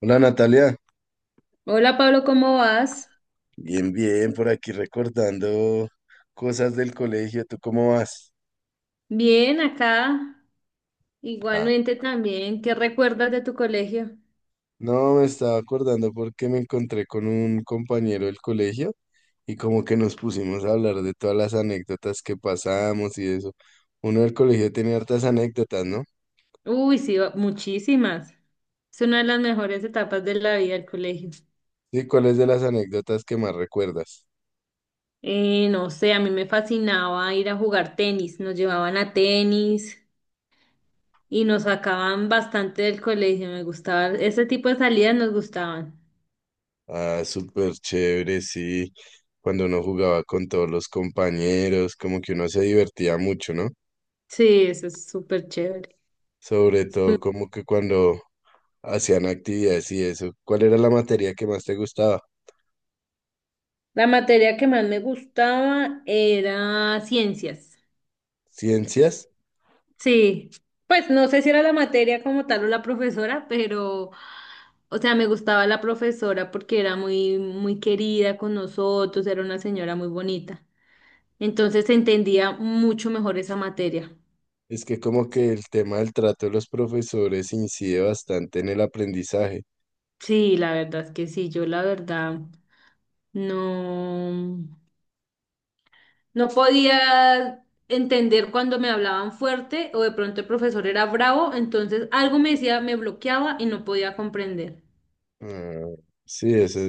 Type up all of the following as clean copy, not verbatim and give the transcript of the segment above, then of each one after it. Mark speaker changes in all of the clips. Speaker 1: Hola, Natalia,
Speaker 2: Hola Pablo, ¿cómo vas?
Speaker 1: bien, bien, por aquí recordando cosas del colegio, ¿tú cómo vas?
Speaker 2: Bien, acá.
Speaker 1: Ah,
Speaker 2: Igualmente también. ¿Qué recuerdas de tu colegio?
Speaker 1: no, me estaba acordando porque me encontré con un compañero del colegio y como que nos pusimos a hablar de todas las anécdotas que pasamos y eso. Uno del colegio tiene hartas anécdotas, ¿no?
Speaker 2: Uy, sí, muchísimas. Es una de las mejores etapas de la vida del colegio.
Speaker 1: Sí, ¿cuáles de las anécdotas que más recuerdas?
Speaker 2: No sé, a mí me fascinaba ir a jugar tenis. Nos llevaban a tenis y nos sacaban bastante del colegio. Me gustaba, ese tipo de salidas nos gustaban.
Speaker 1: Ah, súper chévere, sí. Cuando uno jugaba con todos los compañeros, como que uno se divertía mucho, ¿no?
Speaker 2: Sí, eso es súper chévere.
Speaker 1: Sobre todo como que cuando hacían actividades y eso. ¿Cuál era la materia que más te gustaba?
Speaker 2: La materia que más me gustaba era ciencias.
Speaker 1: ¿Ciencias?
Speaker 2: Sí, pues no sé si era la materia como tal o la profesora, pero, o sea, me gustaba la profesora porque era muy, muy querida con nosotros, era una señora muy bonita. Entonces se entendía mucho mejor esa materia.
Speaker 1: Es que como que el tema del trato de los profesores incide bastante en el aprendizaje.
Speaker 2: Sí, la verdad es que sí. Yo la verdad no, no podía entender cuando me hablaban fuerte o de pronto el profesor era bravo, entonces algo me decía, me bloqueaba y no podía comprender.
Speaker 1: Ah, sí, eso,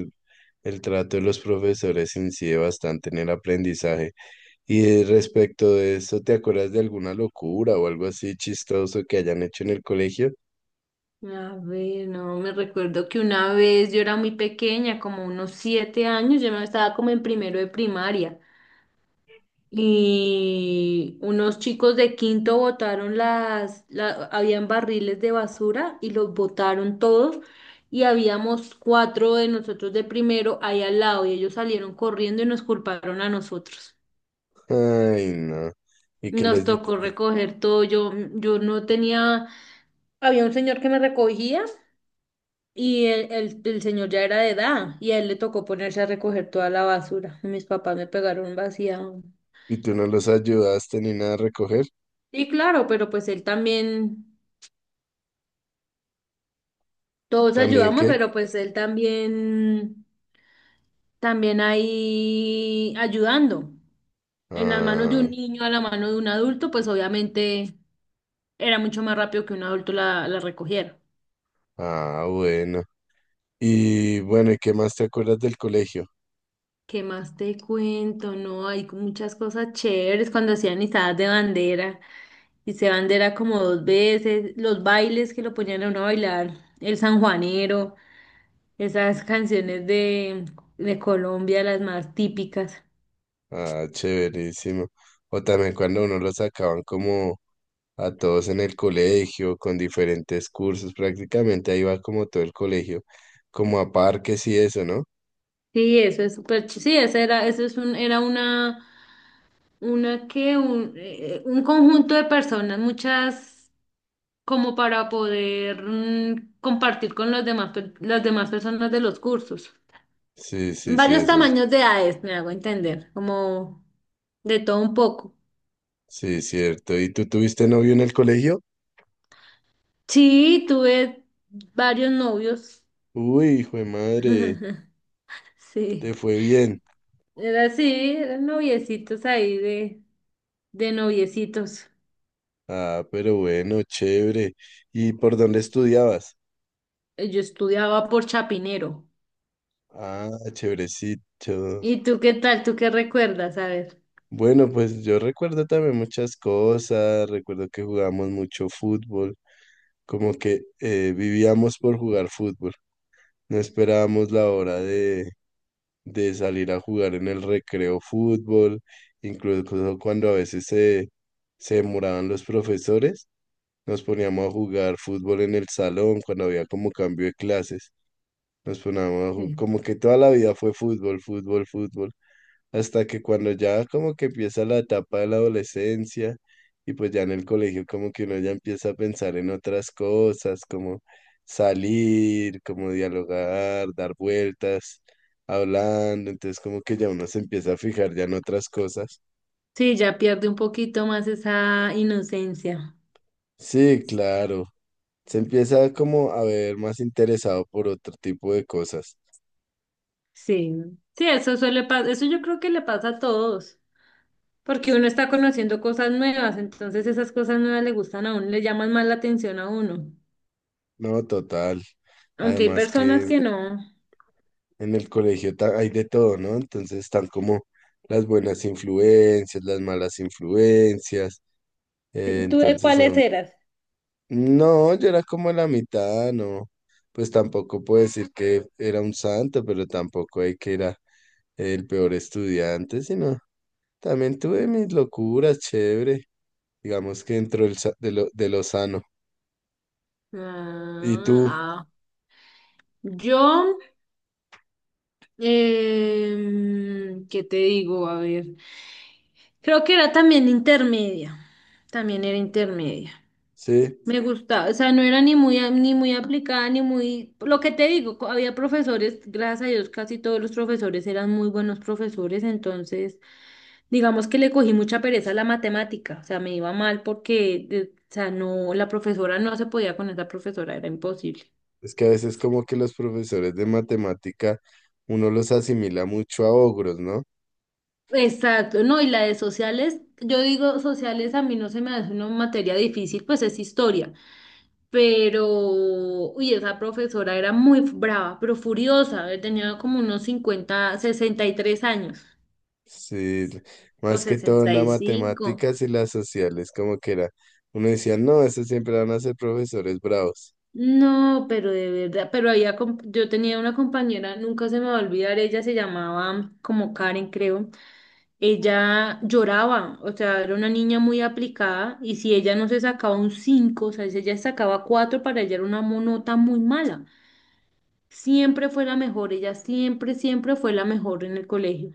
Speaker 1: el trato de los profesores incide bastante en el aprendizaje. Y respecto de eso, ¿te acuerdas de alguna locura o algo así chistoso que hayan hecho en el colegio?
Speaker 2: A ver, no, me recuerdo que una vez yo era muy pequeña, como unos 7 años, yo me estaba como en primero de primaria y unos chicos de quinto botaron habían barriles de basura y los botaron todos, y habíamos 4 de nosotros de primero ahí al lado y ellos salieron corriendo y nos culparon a nosotros.
Speaker 1: Ay, no. ¿Y qué
Speaker 2: Nos
Speaker 1: les dije?
Speaker 2: tocó recoger todo, yo no tenía, había un señor que me recogía. Y el señor ya era de edad y a él le tocó ponerse a recoger toda la basura. Mis papás me pegaron vacía.
Speaker 1: ¿Y tú no los ayudaste ni nada a recoger?
Speaker 2: Sí, claro, pero pues él también, todos
Speaker 1: ¿También
Speaker 2: ayudamos,
Speaker 1: qué?
Speaker 2: pero pues él también, también ahí ayudando. En las manos de
Speaker 1: Ah,
Speaker 2: un niño a la mano de un adulto, pues obviamente era mucho más rápido que un adulto la recogiera.
Speaker 1: ah, bueno. Y bueno, ¿y qué más te acuerdas del colegio?
Speaker 2: ¿Qué más te cuento? No, hay muchas cosas chéveres cuando hacían izadas de bandera. Y se bandera como 2 veces, los bailes que lo ponían a uno a bailar, el sanjuanero, esas canciones de Colombia, las más típicas.
Speaker 1: Ah, chéverísimo. O también cuando uno lo sacaban como a todos en el colegio, con diferentes cursos, prácticamente ahí va como todo el colegio, como a parques y eso, ¿no?
Speaker 2: Sí, eso es sí, esa era, eso es un, era una que, un conjunto de personas, muchas como para poder compartir con los demás, las demás personas de los cursos.
Speaker 1: Sí, sí, sí,
Speaker 2: Varios
Speaker 1: eso es.
Speaker 2: tamaños de edades, me hago entender, como de todo un poco.
Speaker 1: Sí, cierto. ¿Y tú tuviste novio en el colegio?
Speaker 2: Sí, tuve varios novios.
Speaker 1: Uy, hijo de madre, te
Speaker 2: Sí,
Speaker 1: fue bien.
Speaker 2: era así, eran noviecitos ahí de noviecitos.
Speaker 1: Ah, pero bueno, chévere. ¿Y por dónde estudiabas?
Speaker 2: Yo estudiaba por Chapinero.
Speaker 1: Ah, chéverecito.
Speaker 2: ¿Y tú qué tal? ¿Tú qué recuerdas? A ver.
Speaker 1: Bueno, pues yo recuerdo también muchas cosas, recuerdo que jugábamos mucho fútbol, como que vivíamos por jugar fútbol, no esperábamos la hora de salir a jugar en el recreo fútbol, incluso cuando a veces se demoraban los profesores, nos poníamos a jugar fútbol en el salón cuando había como cambio de clases, nos poníamos a
Speaker 2: Sí,
Speaker 1: como que toda la vida fue fútbol, fútbol, fútbol hasta que cuando ya como que empieza la etapa de la adolescencia y pues ya en el colegio como que uno ya empieza a pensar en otras cosas, como salir, como dialogar, dar vueltas, hablando, entonces como que ya uno se empieza a fijar ya en otras cosas.
Speaker 2: sí, ya pierde un poquito más esa inocencia.
Speaker 1: Sí, claro, se empieza como a ver más interesado por otro tipo de cosas.
Speaker 2: Sí, sí, eso suele pasar, eso yo creo que le pasa a todos, porque uno está conociendo cosas nuevas, entonces esas cosas nuevas le gustan a uno, le llaman más la atención a uno.
Speaker 1: No, total.
Speaker 2: Aunque hay
Speaker 1: Además
Speaker 2: personas
Speaker 1: que
Speaker 2: que no.
Speaker 1: en el colegio hay de todo, ¿no? Entonces están como las buenas influencias, las malas influencias. eh,
Speaker 2: Sí, ¿tú de
Speaker 1: entonces, a
Speaker 2: cuáles
Speaker 1: uno-
Speaker 2: eras?
Speaker 1: no, yo era como la mitad, no. Pues tampoco puedo decir que era un santo, pero tampoco hay que era el peor estudiante, sino también tuve mis locuras, chévere. Digamos que dentro del de lo sano. ¿Y
Speaker 2: Ah,
Speaker 1: tú?
Speaker 2: ah. Yo, ¿qué te digo? A ver, creo que era también intermedia, también era intermedia.
Speaker 1: Sí.
Speaker 2: Me gustaba, o sea, no era ni muy, ni muy aplicada, ni muy... Lo que te digo, había profesores, gracias a Dios, casi todos los profesores eran muy buenos profesores, entonces, digamos que le cogí mucha pereza a la matemática, o sea, me iba mal porque, o sea, no, la profesora no se podía con esa profesora, era imposible.
Speaker 1: Es que a veces como que los profesores de matemática uno los asimila mucho a ogros, ¿no?
Speaker 2: Exacto, no, y la de sociales, yo digo sociales a mí no se me hace una materia difícil, pues es historia, pero, uy, esa profesora era muy brava, pero furiosa, tenía como unos 50 60 y 3 años
Speaker 1: Sí,
Speaker 2: o
Speaker 1: más que todo en
Speaker 2: sesenta
Speaker 1: las
Speaker 2: y cinco
Speaker 1: matemáticas y las sociales, como que era. Uno decía, no, esos siempre van a ser profesores bravos.
Speaker 2: No, pero de verdad, pero había, yo tenía una compañera, nunca se me va a olvidar, ella se llamaba como Karen, creo. Ella lloraba, o sea, era una niña muy aplicada y si ella no se sacaba un 5, o sea, si ella sacaba 4 para ella era una nota muy mala. Siempre fue la mejor, ella siempre, siempre fue la mejor en el colegio.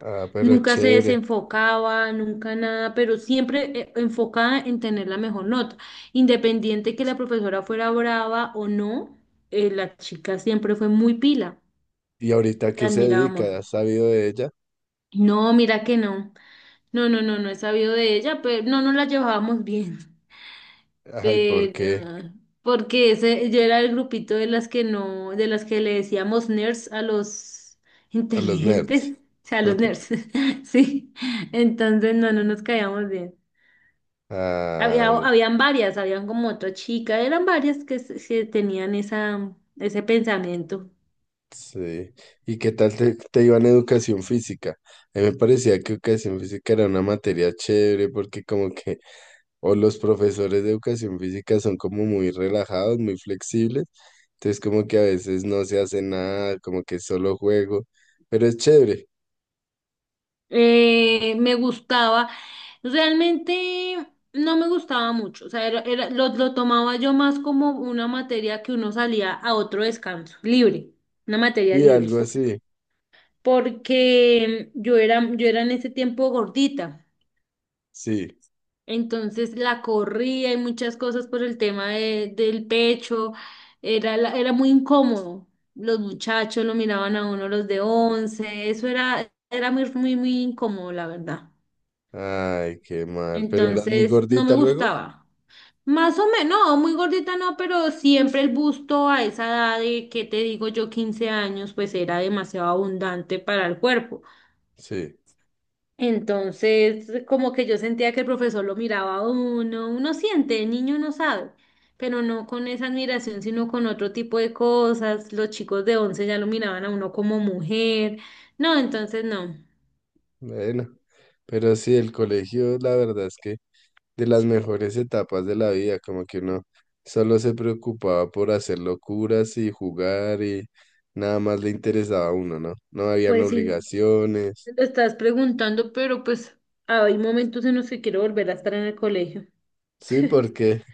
Speaker 1: Ah, pero
Speaker 2: Nunca se
Speaker 1: chévere.
Speaker 2: desenfocaba, nunca nada, pero siempre enfocada en tener la mejor nota. Independiente que la profesora fuera brava o no, la chica siempre fue muy pila.
Speaker 1: ¿Y ahorita
Speaker 2: La
Speaker 1: qué se
Speaker 2: admirábamos.
Speaker 1: dedica? ¿Has sabido de ella?
Speaker 2: No, mira que no. No, no, no, no he sabido de ella, pero no nos la llevábamos bien.
Speaker 1: Ay, ¿por
Speaker 2: Pero
Speaker 1: qué?
Speaker 2: ah, porque ese, yo era el grupito de las que no, de las que le decíamos nerds a los
Speaker 1: A los
Speaker 2: inteligentes,
Speaker 1: nerds.
Speaker 2: o sea, a los nerds. Sí. Entonces no, no nos caíamos bien. Había,
Speaker 1: Ah, no,
Speaker 2: habían varias, habían como otra chica, eran varias que, que tenían esa, ese pensamiento.
Speaker 1: sí. ¿Y qué tal te, te iba en educación física? A mí me parecía que educación física era una materia chévere porque como que o los profesores de educación física son como muy relajados, muy flexibles. Entonces como que a veces no se hace nada, como que solo juego. Pero es chévere.
Speaker 2: Me gustaba, realmente no me gustaba mucho, o sea, lo tomaba yo más como una materia que uno salía a otro descanso, libre, una materia
Speaker 1: Sí,
Speaker 2: libre,
Speaker 1: algo así.
Speaker 2: porque yo era en ese tiempo gordita,
Speaker 1: Sí.
Speaker 2: entonces la corría y muchas cosas por el tema del pecho, era, era muy incómodo. Los muchachos lo miraban a uno los de once, eso era, era muy, muy, muy incómodo, la verdad.
Speaker 1: Ay, qué mal. ¿Pero eras muy
Speaker 2: Entonces, no me
Speaker 1: gordita luego?
Speaker 2: gustaba. Más o menos, no, muy gordita no, pero siempre el busto a esa edad de, ¿qué te digo yo? 15 años, pues era demasiado abundante para el cuerpo.
Speaker 1: Sí.
Speaker 2: Entonces, como que yo sentía que el profesor lo miraba a uno, uno siente, el niño no sabe, pero no con esa admiración, sino con otro tipo de cosas. Los chicos de 11 ya lo miraban a uno como mujer. No, entonces no.
Speaker 1: Bueno. Pero sí, el colegio, la verdad es que de las mejores etapas de la vida, como que uno solo se preocupaba por hacer locuras y jugar y nada más le interesaba a uno, ¿no? No habían
Speaker 2: Pues sí,
Speaker 1: obligaciones.
Speaker 2: lo estás preguntando, pero pues hay momentos en los que quiero volver a estar en el colegio.
Speaker 1: Sí, porque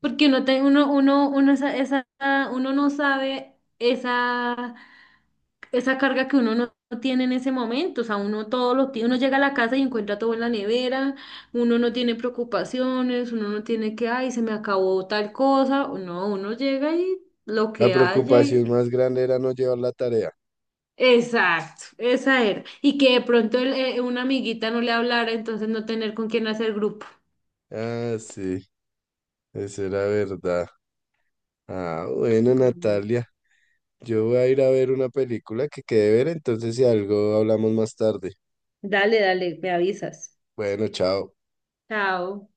Speaker 2: Porque uno, uno, esa, uno no sabe esa, esa carga que uno no tiene en ese momento. O sea, uno todo lo tiene, uno llega a la casa y encuentra todo en la nevera, uno no tiene preocupaciones, uno no tiene que, ay, se me acabó tal cosa. No, uno llega y lo
Speaker 1: la
Speaker 2: que haya.
Speaker 1: preocupación más grande era no llevar la tarea.
Speaker 2: Exacto, esa era. Y que de pronto una amiguita no le hablara, entonces no tener con quién hacer grupo.
Speaker 1: Ah, sí, eso era verdad. Ah, bueno,
Speaker 2: Mm.
Speaker 1: Natalia, yo voy a ir a ver una película que quede ver, entonces si algo hablamos más tarde.
Speaker 2: Dale, dale, me avisas.
Speaker 1: Bueno, chao.
Speaker 2: Chao.